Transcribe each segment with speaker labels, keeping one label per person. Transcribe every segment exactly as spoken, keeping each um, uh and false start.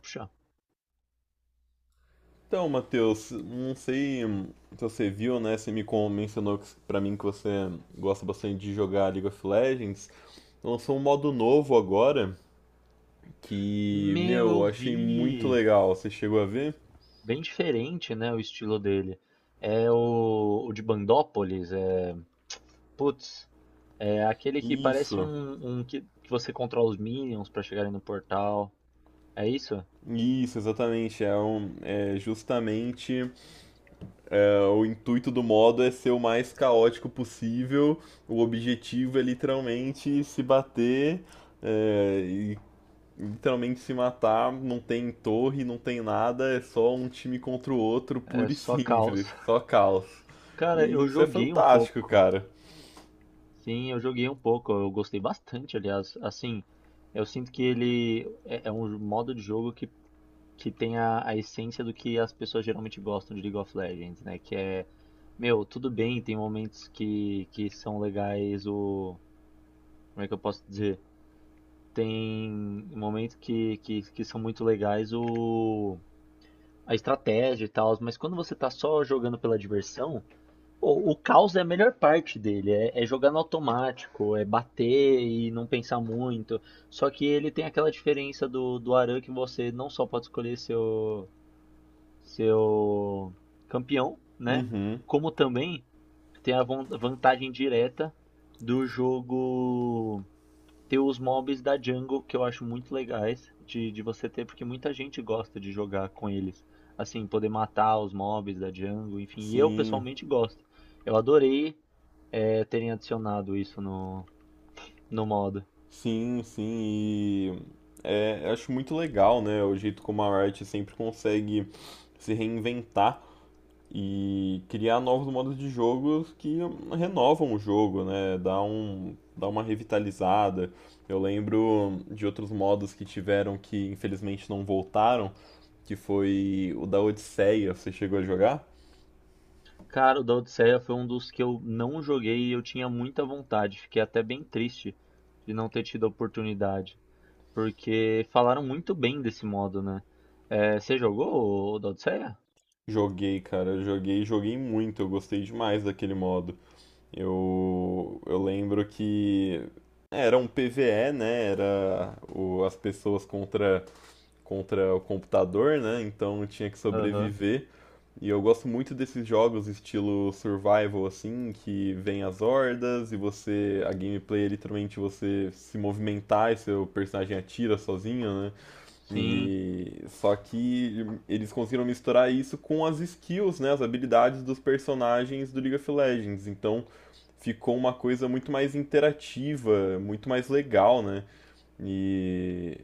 Speaker 1: Puxa,
Speaker 2: Então, Matheus, não sei se você viu, né? Você me com- mencionou que- pra mim que você gosta bastante de jogar League of Legends. Lançou um modo novo agora que,
Speaker 1: meu,
Speaker 2: meu,
Speaker 1: eu
Speaker 2: eu achei muito
Speaker 1: vi.
Speaker 2: legal. Você chegou a ver?
Speaker 1: Bem diferente, né, o estilo dele. É o, o de Bandópolis, é, putz, é aquele que parece
Speaker 2: Isso,
Speaker 1: um, um que, que você controla os minions pra chegarem no portal. É isso?
Speaker 2: isso, exatamente. É, um- é justamente é, o intuito do modo é ser o mais caótico possível. O objetivo é literalmente se bater é, e literalmente se matar, não tem torre, não tem nada, é só um time contra o outro,
Speaker 1: É
Speaker 2: puro e
Speaker 1: só caos.
Speaker 2: simples, só caos.
Speaker 1: Cara,
Speaker 2: E
Speaker 1: eu
Speaker 2: isso é
Speaker 1: joguei um
Speaker 2: fantástico,
Speaker 1: pouco.
Speaker 2: cara.
Speaker 1: Sim, eu joguei um pouco. Eu gostei bastante, aliás. Assim, eu sinto que ele é, é um modo de jogo que, que tem a, a essência do que as pessoas geralmente gostam de League of Legends, né? Que é Meu, tudo bem, tem momentos que, que são legais, o. Como é que eu posso dizer? Tem momentos que, que, que são muito legais o. A estratégia e tal, mas quando você tá só jogando pela diversão, o, o caos é a melhor parte dele. É, é jogar no automático, é bater e não pensar muito. Só que ele tem aquela diferença do, do Aran, que você não só pode escolher seu, seu campeão, né?
Speaker 2: Uhum,
Speaker 1: Como também tem a von- vantagem direta do jogo ter os mobs da jungle, que eu acho muito legais de, de você ter, porque muita gente gosta de jogar com eles. Assim, poder matar os mobs da jungle, enfim, e eu
Speaker 2: sim,
Speaker 1: pessoalmente gosto. Eu adorei eh, terem adicionado isso no, no modo.
Speaker 2: sim, sim, e é, eu acho muito legal, né, o jeito como a Riot sempre consegue se reinventar e criar novos modos de jogos que renovam o jogo, né? Dá um, dá uma revitalizada. Eu lembro de outros modos que tiveram que infelizmente não voltaram, que foi o da Odisseia. Você chegou a jogar?
Speaker 1: Cara, o da Odisseia foi um dos que eu não joguei e eu tinha muita vontade. Fiquei até bem triste de não ter tido a oportunidade. Porque falaram muito bem desse modo, né? É, você jogou o da Odisseia?
Speaker 2: Joguei, cara, joguei, joguei muito. Eu gostei demais daquele modo. Eu, eu lembro que era um P V E, né? Era o- as pessoas contra contra o computador, né? Então eu tinha que
Speaker 1: Aham.
Speaker 2: sobreviver. E eu gosto muito desses jogos estilo survival assim, que vem as hordas e você, a gameplay é literalmente você se movimentar e seu personagem atira sozinho, né?
Speaker 1: Sim.
Speaker 2: E só que eles conseguiram misturar isso com as skills, né, as habilidades dos personagens do League of Legends. Então ficou uma coisa muito mais interativa, muito mais legal, né? E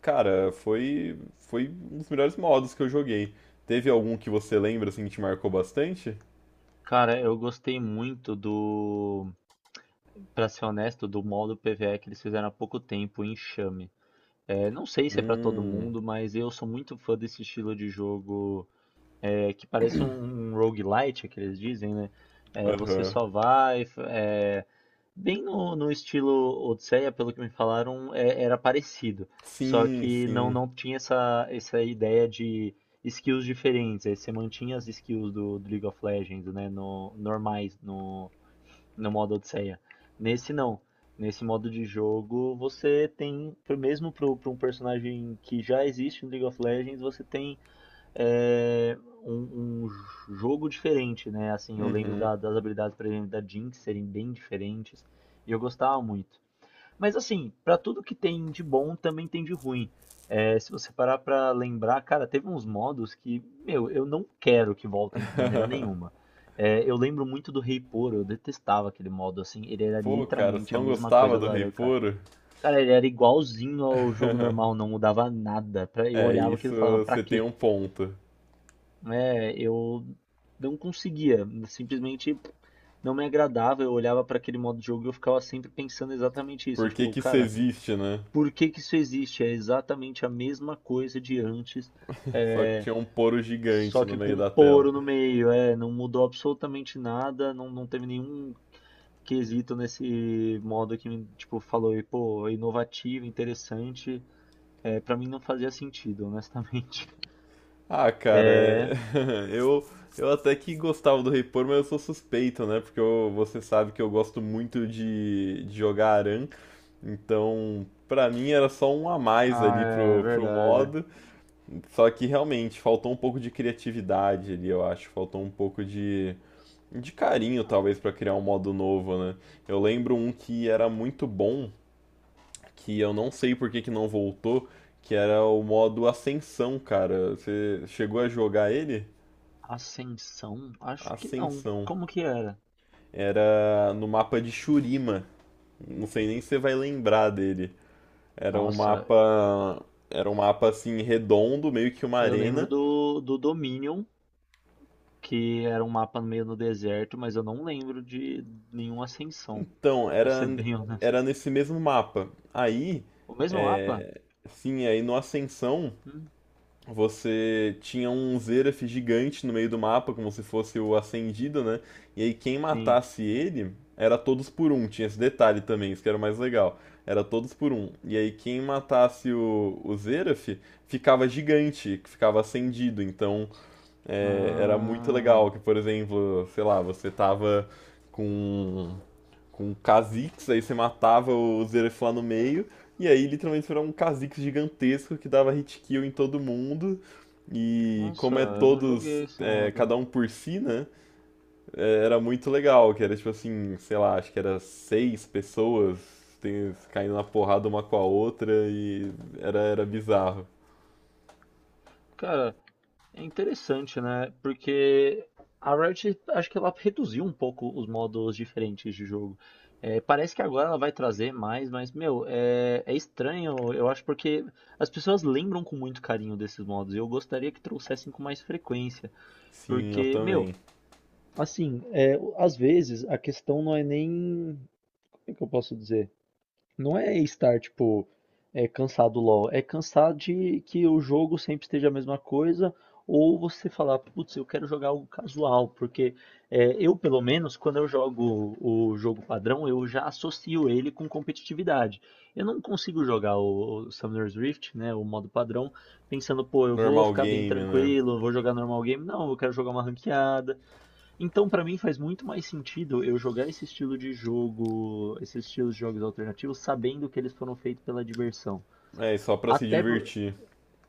Speaker 2: cara, foi, foi um dos melhores modos que eu joguei. Teve algum que você lembra assim que te marcou bastante?
Speaker 1: Cara, eu gostei muito do, pra ser honesto, do modo PvE que eles fizeram há pouco tempo, o Enxame. É, não sei se é pra todo
Speaker 2: Hum,
Speaker 1: mundo, mas eu sou muito fã desse estilo de jogo, é, que parece um, um roguelite, é que eles dizem, né? É, você
Speaker 2: aham.
Speaker 1: só vai, é, bem no, no estilo Odisseia, pelo que me falaram, é- era parecido. Só
Speaker 2: Sim,
Speaker 1: que não,
Speaker 2: sim.
Speaker 1: não tinha essa, essa ideia de skills diferentes. Aí você mantinha as skills do, do League of Legends, né? No, normais, no, no modo Odisseia. Nesse não. Nesse modo de jogo, você tem, pro- mesmo para um personagem que já existe no League of Legends, você tem é, um, um jogo diferente, né? Assim, eu lembro
Speaker 2: Uhum.
Speaker 1: da- das habilidades, por exemplo, da Jinx serem bem diferentes e eu gostava muito. Mas assim, pra tudo que tem de bom, também tem de ruim. É, se você parar pra lembrar, cara, teve uns modos que, meu, eu não quero que voltem de maneira nenhuma. É, eu lembro muito do Rei Poro, eu detestava aquele modo, assim, ele era
Speaker 2: Pô, cara, você
Speaker 1: literalmente a
Speaker 2: não
Speaker 1: mesma
Speaker 2: gostava
Speaker 1: coisa
Speaker 2: do
Speaker 1: do
Speaker 2: Rei
Speaker 1: Aran, cara.
Speaker 2: Puro?
Speaker 1: Cara, ele era igualzinho ao jogo normal, não mudava nada. Pra- Eu
Speaker 2: É,
Speaker 1: olhava
Speaker 2: isso
Speaker 1: aquilo e falava, pra
Speaker 2: você tem
Speaker 1: quê?
Speaker 2: um ponto.
Speaker 1: É, eu não conseguia, simplesmente não me agradava. Eu olhava para aquele modo de jogo e eu ficava sempre pensando exatamente isso.
Speaker 2: Por que
Speaker 1: Tipo,
Speaker 2: que isso
Speaker 1: cara,
Speaker 2: existe, né?
Speaker 1: por que que isso existe? É exatamente a mesma coisa de antes,
Speaker 2: Só que
Speaker 1: é,
Speaker 2: tinha um poro gigante
Speaker 1: só
Speaker 2: no
Speaker 1: que com
Speaker 2: meio
Speaker 1: um
Speaker 2: da tela.
Speaker 1: poro no meio. É, não mudou absolutamente nada, não, não teve nenhum quesito nesse modo que me, tipo, falou, e, pô, é inovativo, interessante. É, para mim não fazia sentido, honestamente.
Speaker 2: Ah, cara, é... eu, eu até que gostava do Rei Por, mas eu sou suspeito, né? Porque eu- você sabe que eu gosto muito de, de jogar Aran, então pra mim era só um a mais
Speaker 1: Ah,
Speaker 2: ali
Speaker 1: é
Speaker 2: pro, pro
Speaker 1: verdade.
Speaker 2: modo. Só que realmente faltou um pouco de criatividade ali, eu acho. Faltou um pouco de, de carinho, talvez, pra criar um modo novo, né? Eu lembro um que era muito bom, que eu não sei por que que não voltou, que era o modo Ascensão, cara. Você chegou a jogar ele?
Speaker 1: Ascensão? Acho que não.
Speaker 2: Ascensão.
Speaker 1: Como que era?
Speaker 2: Era no mapa de Shurima. Não sei nem se você vai lembrar dele. Era um
Speaker 1: Nossa,
Speaker 2: mapa. Era um mapa assim redondo, meio que uma
Speaker 1: eu lembro
Speaker 2: arena.
Speaker 1: do, do Dominion, que era um mapa meio no deserto, mas eu não lembro de nenhuma ascensão,
Speaker 2: Então,
Speaker 1: pra ser
Speaker 2: era,
Speaker 1: bem honesto.
Speaker 2: Era nesse mesmo mapa. Aí,
Speaker 1: O mesmo mapa?
Speaker 2: é, sim, aí no Ascensão
Speaker 1: Hum,
Speaker 2: você tinha um Xerath gigante no meio do mapa, como se fosse o Ascendido, né? E aí quem
Speaker 1: sim.
Speaker 2: matasse ele era todos por um, tinha esse detalhe também, isso que era o mais legal. Era todos por um. E aí quem matasse o, o Xerath ficava gigante, ficava acendido. Então é, era muito
Speaker 1: Ah,
Speaker 2: legal que, por exemplo, sei lá, você tava com com um Kha'Zix, aí você matava o Xerath lá no meio, e aí literalmente era um Kha'Zix gigantesco que dava hit kill em todo mundo, e
Speaker 1: nossa,
Speaker 2: como é
Speaker 1: eu não
Speaker 2: todos,
Speaker 1: joguei esse
Speaker 2: é,
Speaker 1: modo.
Speaker 2: cada um por si, né, é, era muito legal, que era tipo assim, sei lá, acho que era seis pessoas tem- caindo na porrada uma com a outra, e era, era bizarro.
Speaker 1: Cara, é interessante, né? Porque a Riot, acho que ela reduziu um pouco os modos diferentes de jogo. É, parece que agora ela vai trazer mais, mas, meu, é, é estranho, eu acho, porque as pessoas lembram com muito carinho desses modos. E eu gostaria que trouxessem com mais frequência.
Speaker 2: Sim, eu
Speaker 1: Porque, meu,
Speaker 2: também.
Speaker 1: assim, é, às vezes a questão não é nem. Como é que eu posso dizer? Não é estar, tipo, é, cansado do LoL. É cansado de que o jogo sempre esteja a mesma coisa. Ou você falar, putz, eu quero jogar algo casual. Porque é, eu, pelo menos, quando eu jogo o jogo padrão, eu já associo ele com competitividade. Eu não consigo jogar o, o Summoner's Rift, né, o modo padrão, pensando, pô, eu vou
Speaker 2: Normal
Speaker 1: ficar bem
Speaker 2: game, né?
Speaker 1: tranquilo, vou jogar normal game. Não, eu quero jogar uma ranqueada. Então, pra mim faz muito mais sentido eu jogar esse estilo de jogo, esses estilos de jogos alternativos, sabendo que eles foram feitos pela diversão.
Speaker 2: É, só pra se
Speaker 1: Até, por-
Speaker 2: divertir.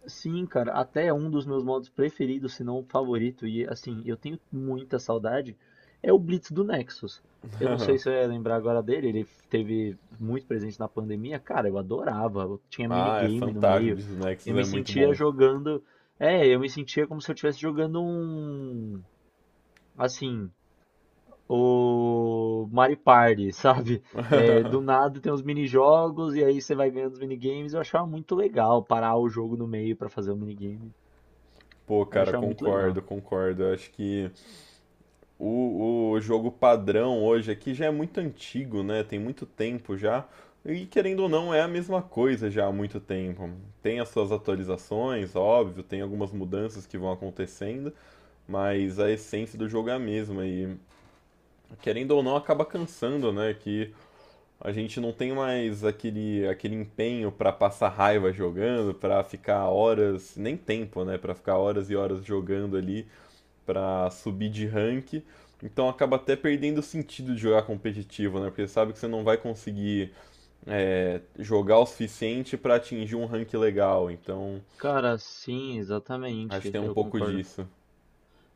Speaker 1: sim, cara, até é um dos meus modos preferidos, se não o favorito, e assim, eu tenho muita saudade, é o Blitz do Nexus. Eu não sei se eu ia lembrar agora dele, ele teve muito presente na pandemia. Cara, eu adorava, eu tinha
Speaker 2: Ah, é
Speaker 1: minigame no
Speaker 2: fantástico, o
Speaker 1: meio.
Speaker 2: Blitz
Speaker 1: Eu
Speaker 2: Nexus é
Speaker 1: me
Speaker 2: muito
Speaker 1: sentia
Speaker 2: bom.
Speaker 1: jogando. É, eu me sentia como se eu estivesse jogando um. Assim, o Mario Party, sabe? É, do nada tem uns minijogos e aí você vai ganhando os minigames. Eu achava muito legal parar o jogo no meio pra fazer o minigame.
Speaker 2: Pô,
Speaker 1: Eu
Speaker 2: cara,
Speaker 1: achava muito legal.
Speaker 2: concordo, concordo. Eu acho que o, o jogo padrão hoje aqui já é muito antigo, né? Tem muito tempo já. E querendo ou não, é a mesma coisa já há muito tempo. Tem as suas atualizações, óbvio, tem algumas mudanças que vão acontecendo, mas a essência do jogo é a mesma. E querendo ou não, acaba cansando, né? Que a gente não tem mais aquele, aquele empenho pra passar raiva jogando, pra ficar horas, nem tempo, né? Pra ficar horas e horas jogando ali para subir de rank. Então acaba até perdendo o sentido de jogar competitivo, né? Porque sabe que você não vai conseguir é, jogar o suficiente para atingir um rank legal. Então
Speaker 1: Cara, sim,
Speaker 2: acho que
Speaker 1: exatamente,
Speaker 2: tem um
Speaker 1: eu
Speaker 2: pouco
Speaker 1: concordo.
Speaker 2: disso.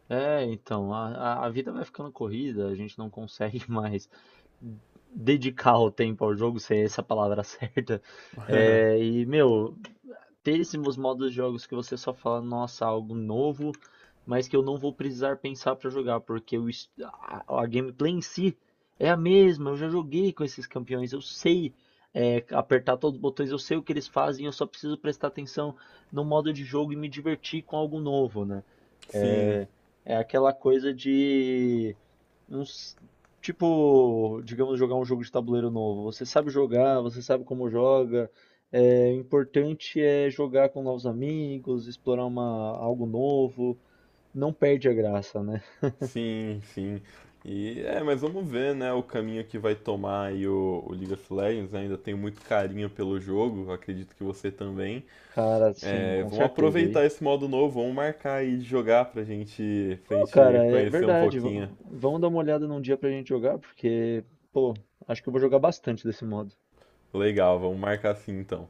Speaker 1: É, então, a, a a vida vai ficando corrida, a gente não consegue mais dedicar o tempo ao jogo, se é essa a palavra certa. É, e, meu, péssimos modos de jogos que você só fala, nossa, algo novo, mas que eu não vou precisar pensar para jogar, porque o est- a, a gameplay em si é a mesma. Eu já joguei com esses campeões, eu sei é, apertar todos os botões, eu sei o que eles fazem, eu só preciso prestar atenção no modo de jogo e me divertir com algo novo, né?
Speaker 2: sim,
Speaker 1: É, é aquela coisa de não s- tipo, digamos, jogar um jogo de tabuleiro novo. Você sabe jogar, você sabe como joga. É, o importante é jogar com novos amigos, explorar uma, algo novo. Não perde a graça, né?
Speaker 2: sim, sim. E é, mas vamos ver, né, o caminho que vai tomar aí o, o League of Legends. Né? Ainda tenho muito carinho pelo jogo, acredito que você também.
Speaker 1: Cara, sim,
Speaker 2: É,
Speaker 1: com
Speaker 2: vamos
Speaker 1: certeza aí.
Speaker 2: aproveitar esse modo novo, vamos marcar aí de jogar pra gente, pra
Speaker 1: Ô,
Speaker 2: gente
Speaker 1: cara, é
Speaker 2: conhecer um
Speaker 1: verdade. v-
Speaker 2: pouquinho.
Speaker 1: Vamos dar uma olhada num dia pra gente jogar, porque, pô, acho que eu vou jogar bastante desse modo.
Speaker 2: Legal, vamos marcar assim então.